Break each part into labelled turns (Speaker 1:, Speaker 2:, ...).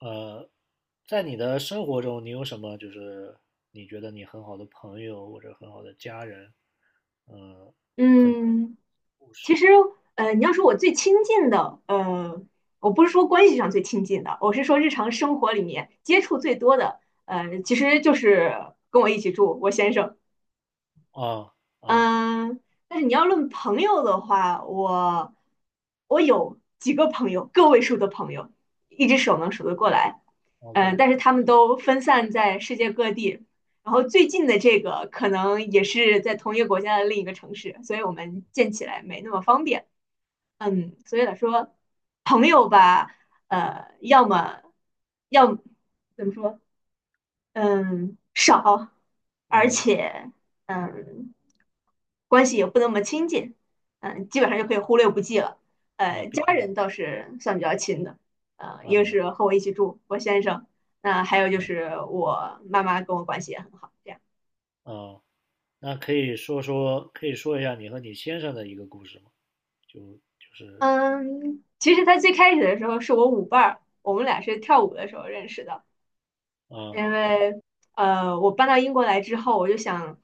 Speaker 1: 呃，在你的生活中，你有什么你觉得你很好的朋友或者很好的家人？嗯，
Speaker 2: 嗯，
Speaker 1: 故
Speaker 2: 其
Speaker 1: 事
Speaker 2: 实，你要说我最亲近的，我不是说关系上最亲近的，我是说日常生活里面接触最多的，其实就是跟我一起住我先生。
Speaker 1: 啊。啊
Speaker 2: 嗯，但是你要论朋友的话，我有几个朋友，个位数的朋友，一只手能数得过来。嗯，
Speaker 1: ，OK，
Speaker 2: 但是他们都分散在世界各地，然后最近的这个可能也是在同一个国家的另一个城市，所以我们见起来没那么方便。嗯，所以来说，朋友吧，要么要么怎么说？嗯，少，而
Speaker 1: 嗯。
Speaker 2: 且嗯，关系也不那么亲近，嗯，基本上就可以忽略不计了。
Speaker 1: 啊，毕
Speaker 2: 家
Speaker 1: 竟，
Speaker 2: 人倒是算比较亲的，一个
Speaker 1: 嗯。
Speaker 2: 是和我一起住，我先生，那、还有就
Speaker 1: 嗯
Speaker 2: 是我妈妈跟我关系也很好，这样。
Speaker 1: 嗯，那可以说说，可以说一下你和你先生的一个故事吗？就就是
Speaker 2: 嗯，其实他最开始的时候是我舞伴儿，我们俩是跳舞的时候认识的。
Speaker 1: 嗯。
Speaker 2: 因为我搬到英国来之后，我就想，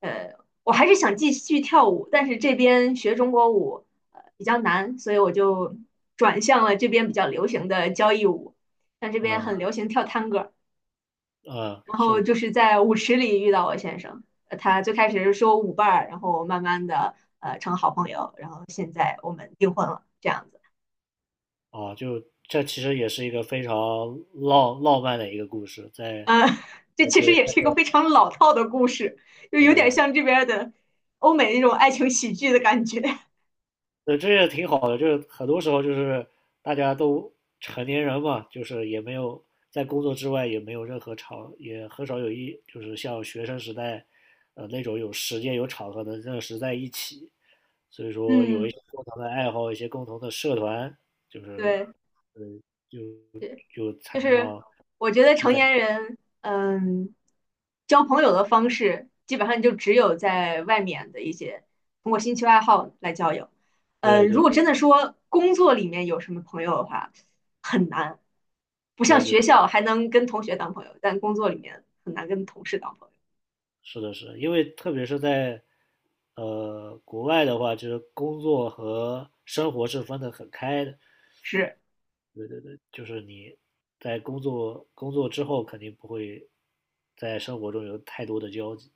Speaker 2: 呃，我还是想继续跳舞，但是这边学中国舞呃比较难，所以我就转向了这边比较流行的交谊舞，像这边
Speaker 1: 嗯
Speaker 2: 很流行跳探戈，
Speaker 1: 嗯，
Speaker 2: 然后
Speaker 1: 是
Speaker 2: 就是在舞池里遇到我先生，呃他最开始是说舞伴儿，然后慢慢的呃成好朋友，然后现在我们订婚了，这样子。
Speaker 1: 啊，就这其实也是一个非常浪漫的一个故事，
Speaker 2: 呃，这其实
Speaker 1: 对
Speaker 2: 也是一个非常老套的故事，就
Speaker 1: 对。
Speaker 2: 有点像这边儿的欧美那种爱情喜剧的感觉。
Speaker 1: 这也挺好的，就是很多时候就是大家都成年人嘛，就是也没有在工作之外也没有任何场，也很少有就是像学生时代，那种有时间有场合能认识在一起，所以说有一
Speaker 2: 嗯，
Speaker 1: 些共同的爱好，一些共同的社团，就是
Speaker 2: 对，
Speaker 1: 呃就
Speaker 2: 对，
Speaker 1: 就才
Speaker 2: 就
Speaker 1: 能
Speaker 2: 是
Speaker 1: 让
Speaker 2: 我觉得
Speaker 1: 聚
Speaker 2: 成
Speaker 1: 在。
Speaker 2: 年人，嗯，交朋友的方式基本上就只有在外面的一些通过兴趣爱好来交友。
Speaker 1: 对对
Speaker 2: 如果
Speaker 1: 对
Speaker 2: 真的说工作里面有什么朋友的话，很难，不像
Speaker 1: 对对。
Speaker 2: 学校还能跟同学当朋友，但工作里面很难跟同事当朋友。
Speaker 1: 是的，是的，因为特别是在国外的话，就是工作和生活是分得很开的，
Speaker 2: 是。
Speaker 1: 就是你在工作之后，肯定不会在生活中有太多的交集。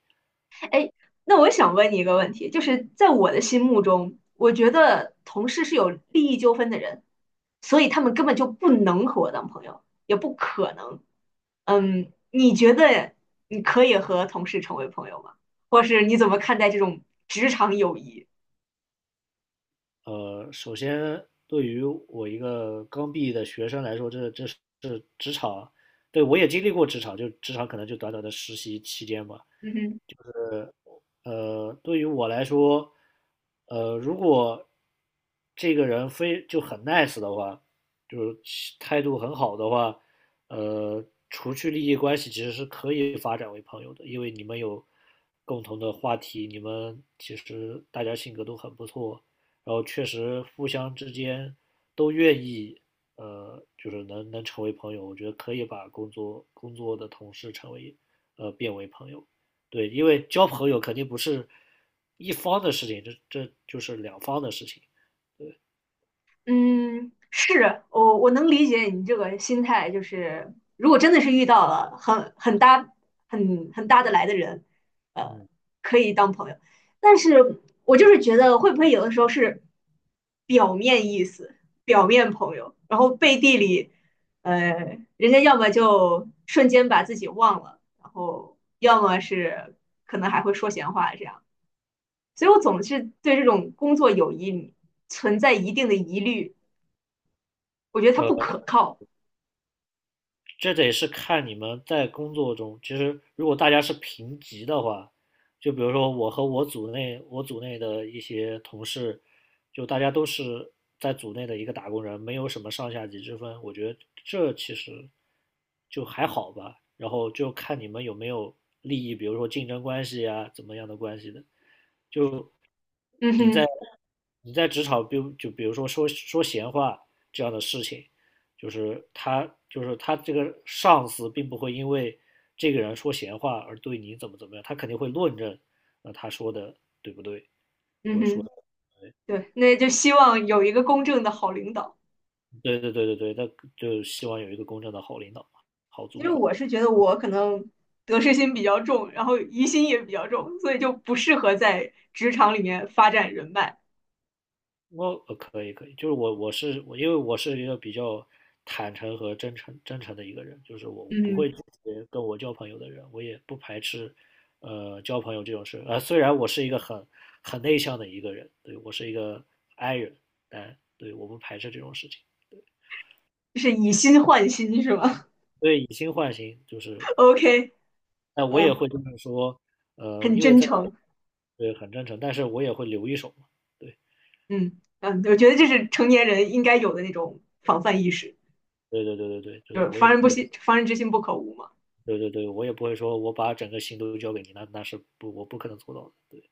Speaker 2: 哎，那我想问你一个问题，就是在我的心目中，我觉得同事是有利益纠纷的人，所以他们根本就不能和我当朋友，也不可能。嗯，你觉得你可以和同事成为朋友吗？或是你怎么看待这种职场友谊？
Speaker 1: 首先对于我一个刚毕业的学生来说，这是职场，对，我也经历过职场，就职场可能就短短的实习期间吧。
Speaker 2: 嗯哼。
Speaker 1: 对于我来说，如果这个人非就很 nice 的话，就是态度很好的话，除去利益关系，其实是可以发展为朋友的，因为你们有共同的话题，你们其实大家性格都很不错，然后确实互相之间都愿意，就是能成为朋友，我觉得可以把工作的同事成为，变为朋友。对，因为交朋友肯定不是一方的事情，这就是两方的事情。
Speaker 2: 嗯，是我能理解你这个心态，就是如果真的是遇到了很搭很搭得来的人，呃，
Speaker 1: 嗯。
Speaker 2: 可以当朋友。但是我就是觉得会不会有的时候是表面意思，表面朋友，然后背地里，人家要么就瞬间把自己忘了，然后要么是可能还会说闲话这样。所以我总是对这种工作友谊存在一定的疑虑。我觉得他
Speaker 1: 呃，
Speaker 2: 不可靠。
Speaker 1: 这得是看你们在工作中，其实如果大家是平级的话，就比如说我和我组内的一些同事，就大家都是在组内的一个打工人，没有什么上下级之分，我觉得这其实就还好吧。然后就看你们有没有利益，比如说竞争关系呀、怎么样的关系的。就
Speaker 2: 嗯
Speaker 1: 你
Speaker 2: 哼，
Speaker 1: 在你在职场，就比如说说闲话这样的事情，就是他就是他这个上司并不会因为这个人说闲话而对你怎么怎么样，他肯定会论证，他说的对不对，或
Speaker 2: 嗯
Speaker 1: 者说，
Speaker 2: 哼，对，那就希望有一个公正的好领导。
Speaker 1: 对对对对对，那就希望有一个公正的好领导嘛，好
Speaker 2: 其
Speaker 1: 组
Speaker 2: 实
Speaker 1: 长。
Speaker 2: 我是觉得我可能得失心比较重，然后疑心也比较重，所以就不适合在职场里面发展人脉。
Speaker 1: 我可以可以，就是我我是我，因为我是一个比较坦诚和真诚的一个人，就是我不
Speaker 2: 嗯，
Speaker 1: 会拒绝跟我交朋友的人，我也不排斥交朋友这种事。呃，虽然我是一个很内向的一个人，对，我是一个 I 人，但对，我不排斥这种事情。
Speaker 2: 就是以心换心是吗
Speaker 1: 所以以心换心，
Speaker 2: ？OK，
Speaker 1: 但我
Speaker 2: 嗯、
Speaker 1: 也
Speaker 2: 呃
Speaker 1: 会就是说，呃，
Speaker 2: 很
Speaker 1: 因为
Speaker 2: 真
Speaker 1: 在
Speaker 2: 诚。
Speaker 1: 对，很真诚，但是我也会留一手嘛。
Speaker 2: 嗯嗯，我觉得这是成年人应该有的那种防范意识，
Speaker 1: 对对对对对对
Speaker 2: 就
Speaker 1: 对，
Speaker 2: 是
Speaker 1: 我也
Speaker 2: 防
Speaker 1: 不
Speaker 2: 人不
Speaker 1: 会。
Speaker 2: 心，防人之心不可无嘛。
Speaker 1: 对对对，我也不会说我把整个心都交给你，那那是不我不可能做到的。对，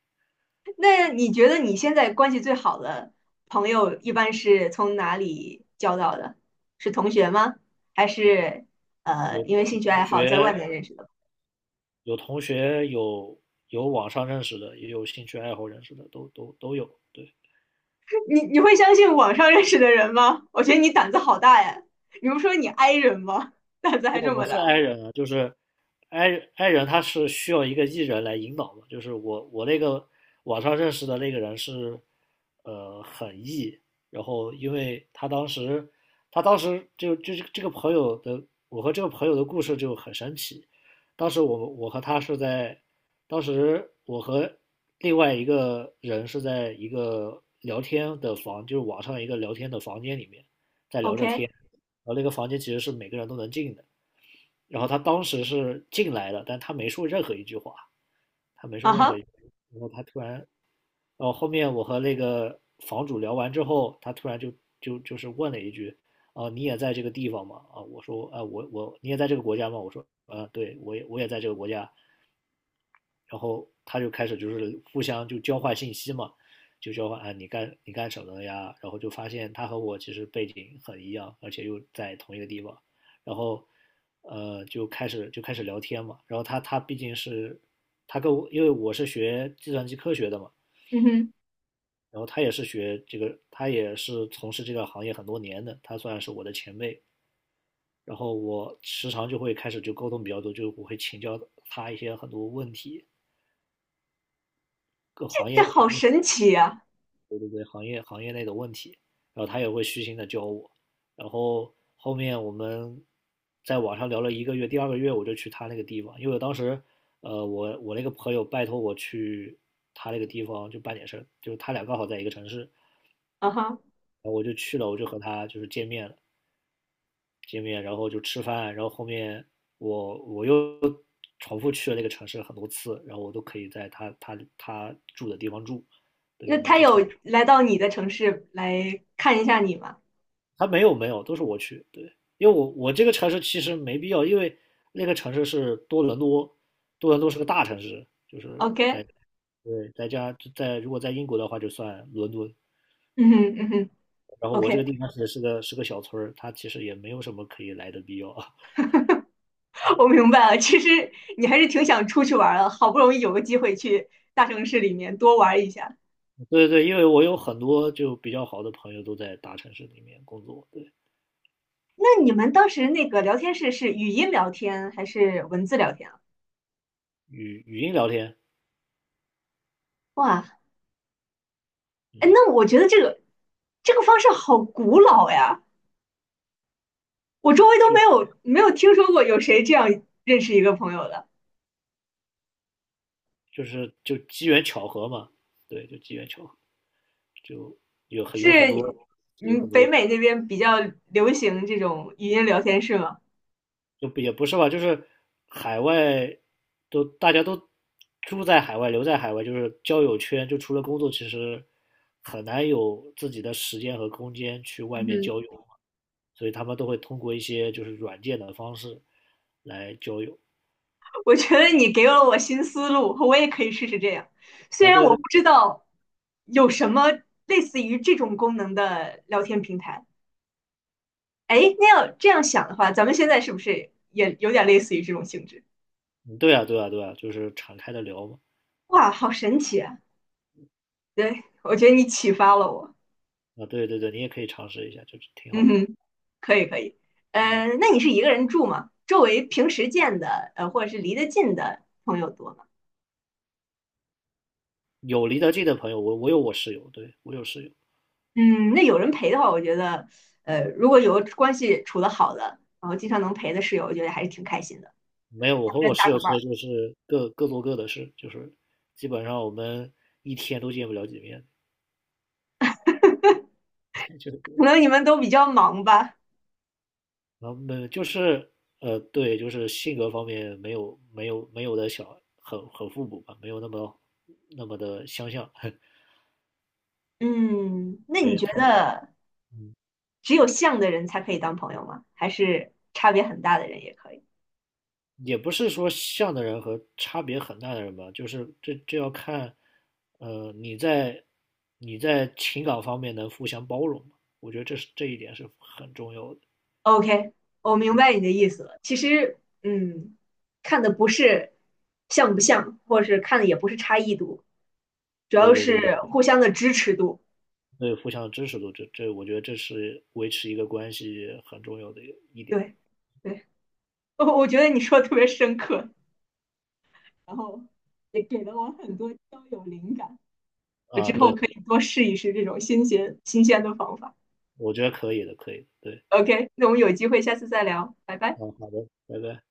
Speaker 2: 那你觉得你现在关系最好的朋友一般是从哪里交到的？是同学吗？还是
Speaker 1: 有
Speaker 2: 因为兴趣
Speaker 1: 同
Speaker 2: 爱好在外
Speaker 1: 学
Speaker 2: 面认识的？
Speaker 1: 有同学有有网上认识的，也有兴趣爱好认识的，都有。对。
Speaker 2: 你会相信网上认识的人吗？我觉得你胆子好大呀！你不说你 i 人吗？胆子还
Speaker 1: 对，
Speaker 2: 这
Speaker 1: 我
Speaker 2: 么
Speaker 1: 是
Speaker 2: 大
Speaker 1: i 人啊，就是 i i 人，他是需要一个 e 人来引导的。就是我那个网上认识的那个人是，很 e，然后因为他当时就是这个朋友的，我和这个朋友的故事就很神奇。当时我和他是在，当时我和另外一个人是在一个聊天的房，就是网上一个聊天的房间里面在聊着
Speaker 2: ？OK，
Speaker 1: 天。然后那个房间其实是每个人都能进的，然后他当时是进来的，但他没说任何一句话，他没
Speaker 2: 啊
Speaker 1: 说任何
Speaker 2: 哈，
Speaker 1: 一句话然后他突然，然后后面我和那个房主聊完之后，他突然就是问了一句：“啊，你也在这个地方吗？”啊，我说：“啊，我,你也在这个国家吗？”我说：“啊，对，我也在这个国家。”然后他就开始就是互相就交换信息嘛，就交换啊你你干什么的呀？然后就发现他和我其实背景很一样，而且又在同一个地方，然后就开始聊天嘛。然后他他毕竟是他跟我，因为我是学计算机科学的嘛，
Speaker 2: 嗯哼，
Speaker 1: 然后他也是学这个，他也是从事这个行业很多年的，他算是我的前辈。然后我时常就会开始就沟通比较多，就我会请教他一些很多问题，
Speaker 2: 这
Speaker 1: 行
Speaker 2: 好
Speaker 1: 业。
Speaker 2: 神奇呀！
Speaker 1: 对对对，行业内的问题，然后他也会虚心的教我，然后后面我们在网上聊了一个月，第二个月我就去他那个地方，因为我当时，我那个朋友拜托我去他那个地方就办点事，就是他俩刚好在一个城市，然
Speaker 2: 啊哈，
Speaker 1: 后我就去了，和他就是见面了，见面然后就吃饭，然后后面我又重复去了那个城市很多次，然后我都可以在他住的地方住，对，
Speaker 2: 那
Speaker 1: 我们
Speaker 2: 他
Speaker 1: 就成。
Speaker 2: 有来到你的城市来看一下你吗
Speaker 1: 他没有没有，都是我去。对，因为我这个城市其实没必要，因为那个城市是多伦多，多伦多是个大城市，就是在
Speaker 2: ？OK，
Speaker 1: 对，在如果在英国的话就算伦敦。
Speaker 2: 嗯哼嗯哼。
Speaker 1: 然后我这个
Speaker 2: OK，
Speaker 1: 地方其实是个小村儿，它其实也没有什么可以来的必要啊。
Speaker 2: 我明白了，其实你还是挺想出去玩儿的，好不容易有个机会去大城市里面多玩一下。
Speaker 1: 对对，因为我有很多就比较好的朋友都在大城市里面工作，对。
Speaker 2: 那你们当时那个聊天室是语音聊天还是文字聊天啊？
Speaker 1: 语音聊天。
Speaker 2: 哇，哎，
Speaker 1: 嗯。
Speaker 2: 那我觉得这个方式好古老呀，我周围都
Speaker 1: 就
Speaker 2: 没有听说过有谁这样认识一个朋友的。
Speaker 1: 就机缘巧合嘛，对，就机缘巧合，就有很
Speaker 2: 是，
Speaker 1: 有很多有
Speaker 2: 嗯，
Speaker 1: 很
Speaker 2: 北
Speaker 1: 多。
Speaker 2: 美那边比较流行这种语音聊天室吗？
Speaker 1: 就也不是吧，就是海外都大家住在海外，留在海外，就是交友圈，就除了工作，其实很难有自己的时间和空间去外面
Speaker 2: 嗯，
Speaker 1: 交友，所以他们都会通过一些就是软件的方式来交友。
Speaker 2: 我觉得你给了我新思路，我也可以试试这样。虽
Speaker 1: 啊，
Speaker 2: 然
Speaker 1: 对
Speaker 2: 我
Speaker 1: 对。
Speaker 2: 不知道有什么类似于这种功能的聊天平台。哎，那要这样想的话，咱们现在是不是也有点类似于这种性质？
Speaker 1: 嗯，对啊，对啊，对啊，就是敞开的聊嘛。
Speaker 2: 哇，好神奇啊！对，我觉得你启发了我。
Speaker 1: 啊，对对对，你也可以尝试一下，就是挺
Speaker 2: 嗯
Speaker 1: 好的。
Speaker 2: 哼，可以可以。呃，那你是一个人住吗？周围平时见的，或者是离得近的朋友多吗？
Speaker 1: 有离得近的朋友，有我室友，对，我有室友。
Speaker 2: 嗯，那有人陪的话，我觉得，如果有关系处得好的，然后经常能陪的室友，我觉得还是挺开心的，
Speaker 1: 没有，我
Speaker 2: 还
Speaker 1: 和
Speaker 2: 能
Speaker 1: 我室
Speaker 2: 搭个
Speaker 1: 友其
Speaker 2: 伴儿。
Speaker 1: 实就是各做各的事，就是基本上我们一天都见不了几面，就是
Speaker 2: 可能你们都比较忙吧。
Speaker 1: 没对，就是性格方面没有的小很互补吧，没有那么的相像。
Speaker 2: 嗯，那你
Speaker 1: 对
Speaker 2: 觉
Speaker 1: 他，
Speaker 2: 得
Speaker 1: 嗯，
Speaker 2: 只有像的人才可以当朋友吗？还是差别很大的人也可以
Speaker 1: 也不是说像的人和差别很大的人吧，就是这要看，呃，你在你在情感方面能互相包容吗？我觉得这一点是很重要的。
Speaker 2: ？OK，我明白你的意思了。其实，嗯，看的不是像不像，或者是看的也不是差异度，主
Speaker 1: 对
Speaker 2: 要
Speaker 1: 对对
Speaker 2: 是
Speaker 1: 对。
Speaker 2: 互相的支持度。
Speaker 1: 对，互相的支持度，这我觉得这是维持一个关系很重要的一点
Speaker 2: 对，对，我觉得你说的特别深刻。然后也给了我很多交友灵感。我
Speaker 1: 啊。
Speaker 2: 之
Speaker 1: 对，
Speaker 2: 后可以多试一试这种新鲜的方法。
Speaker 1: 我觉得可以的，可以的，对。
Speaker 2: OK，那我们有机会下次再聊，拜拜。
Speaker 1: 嗯，好的，拜拜。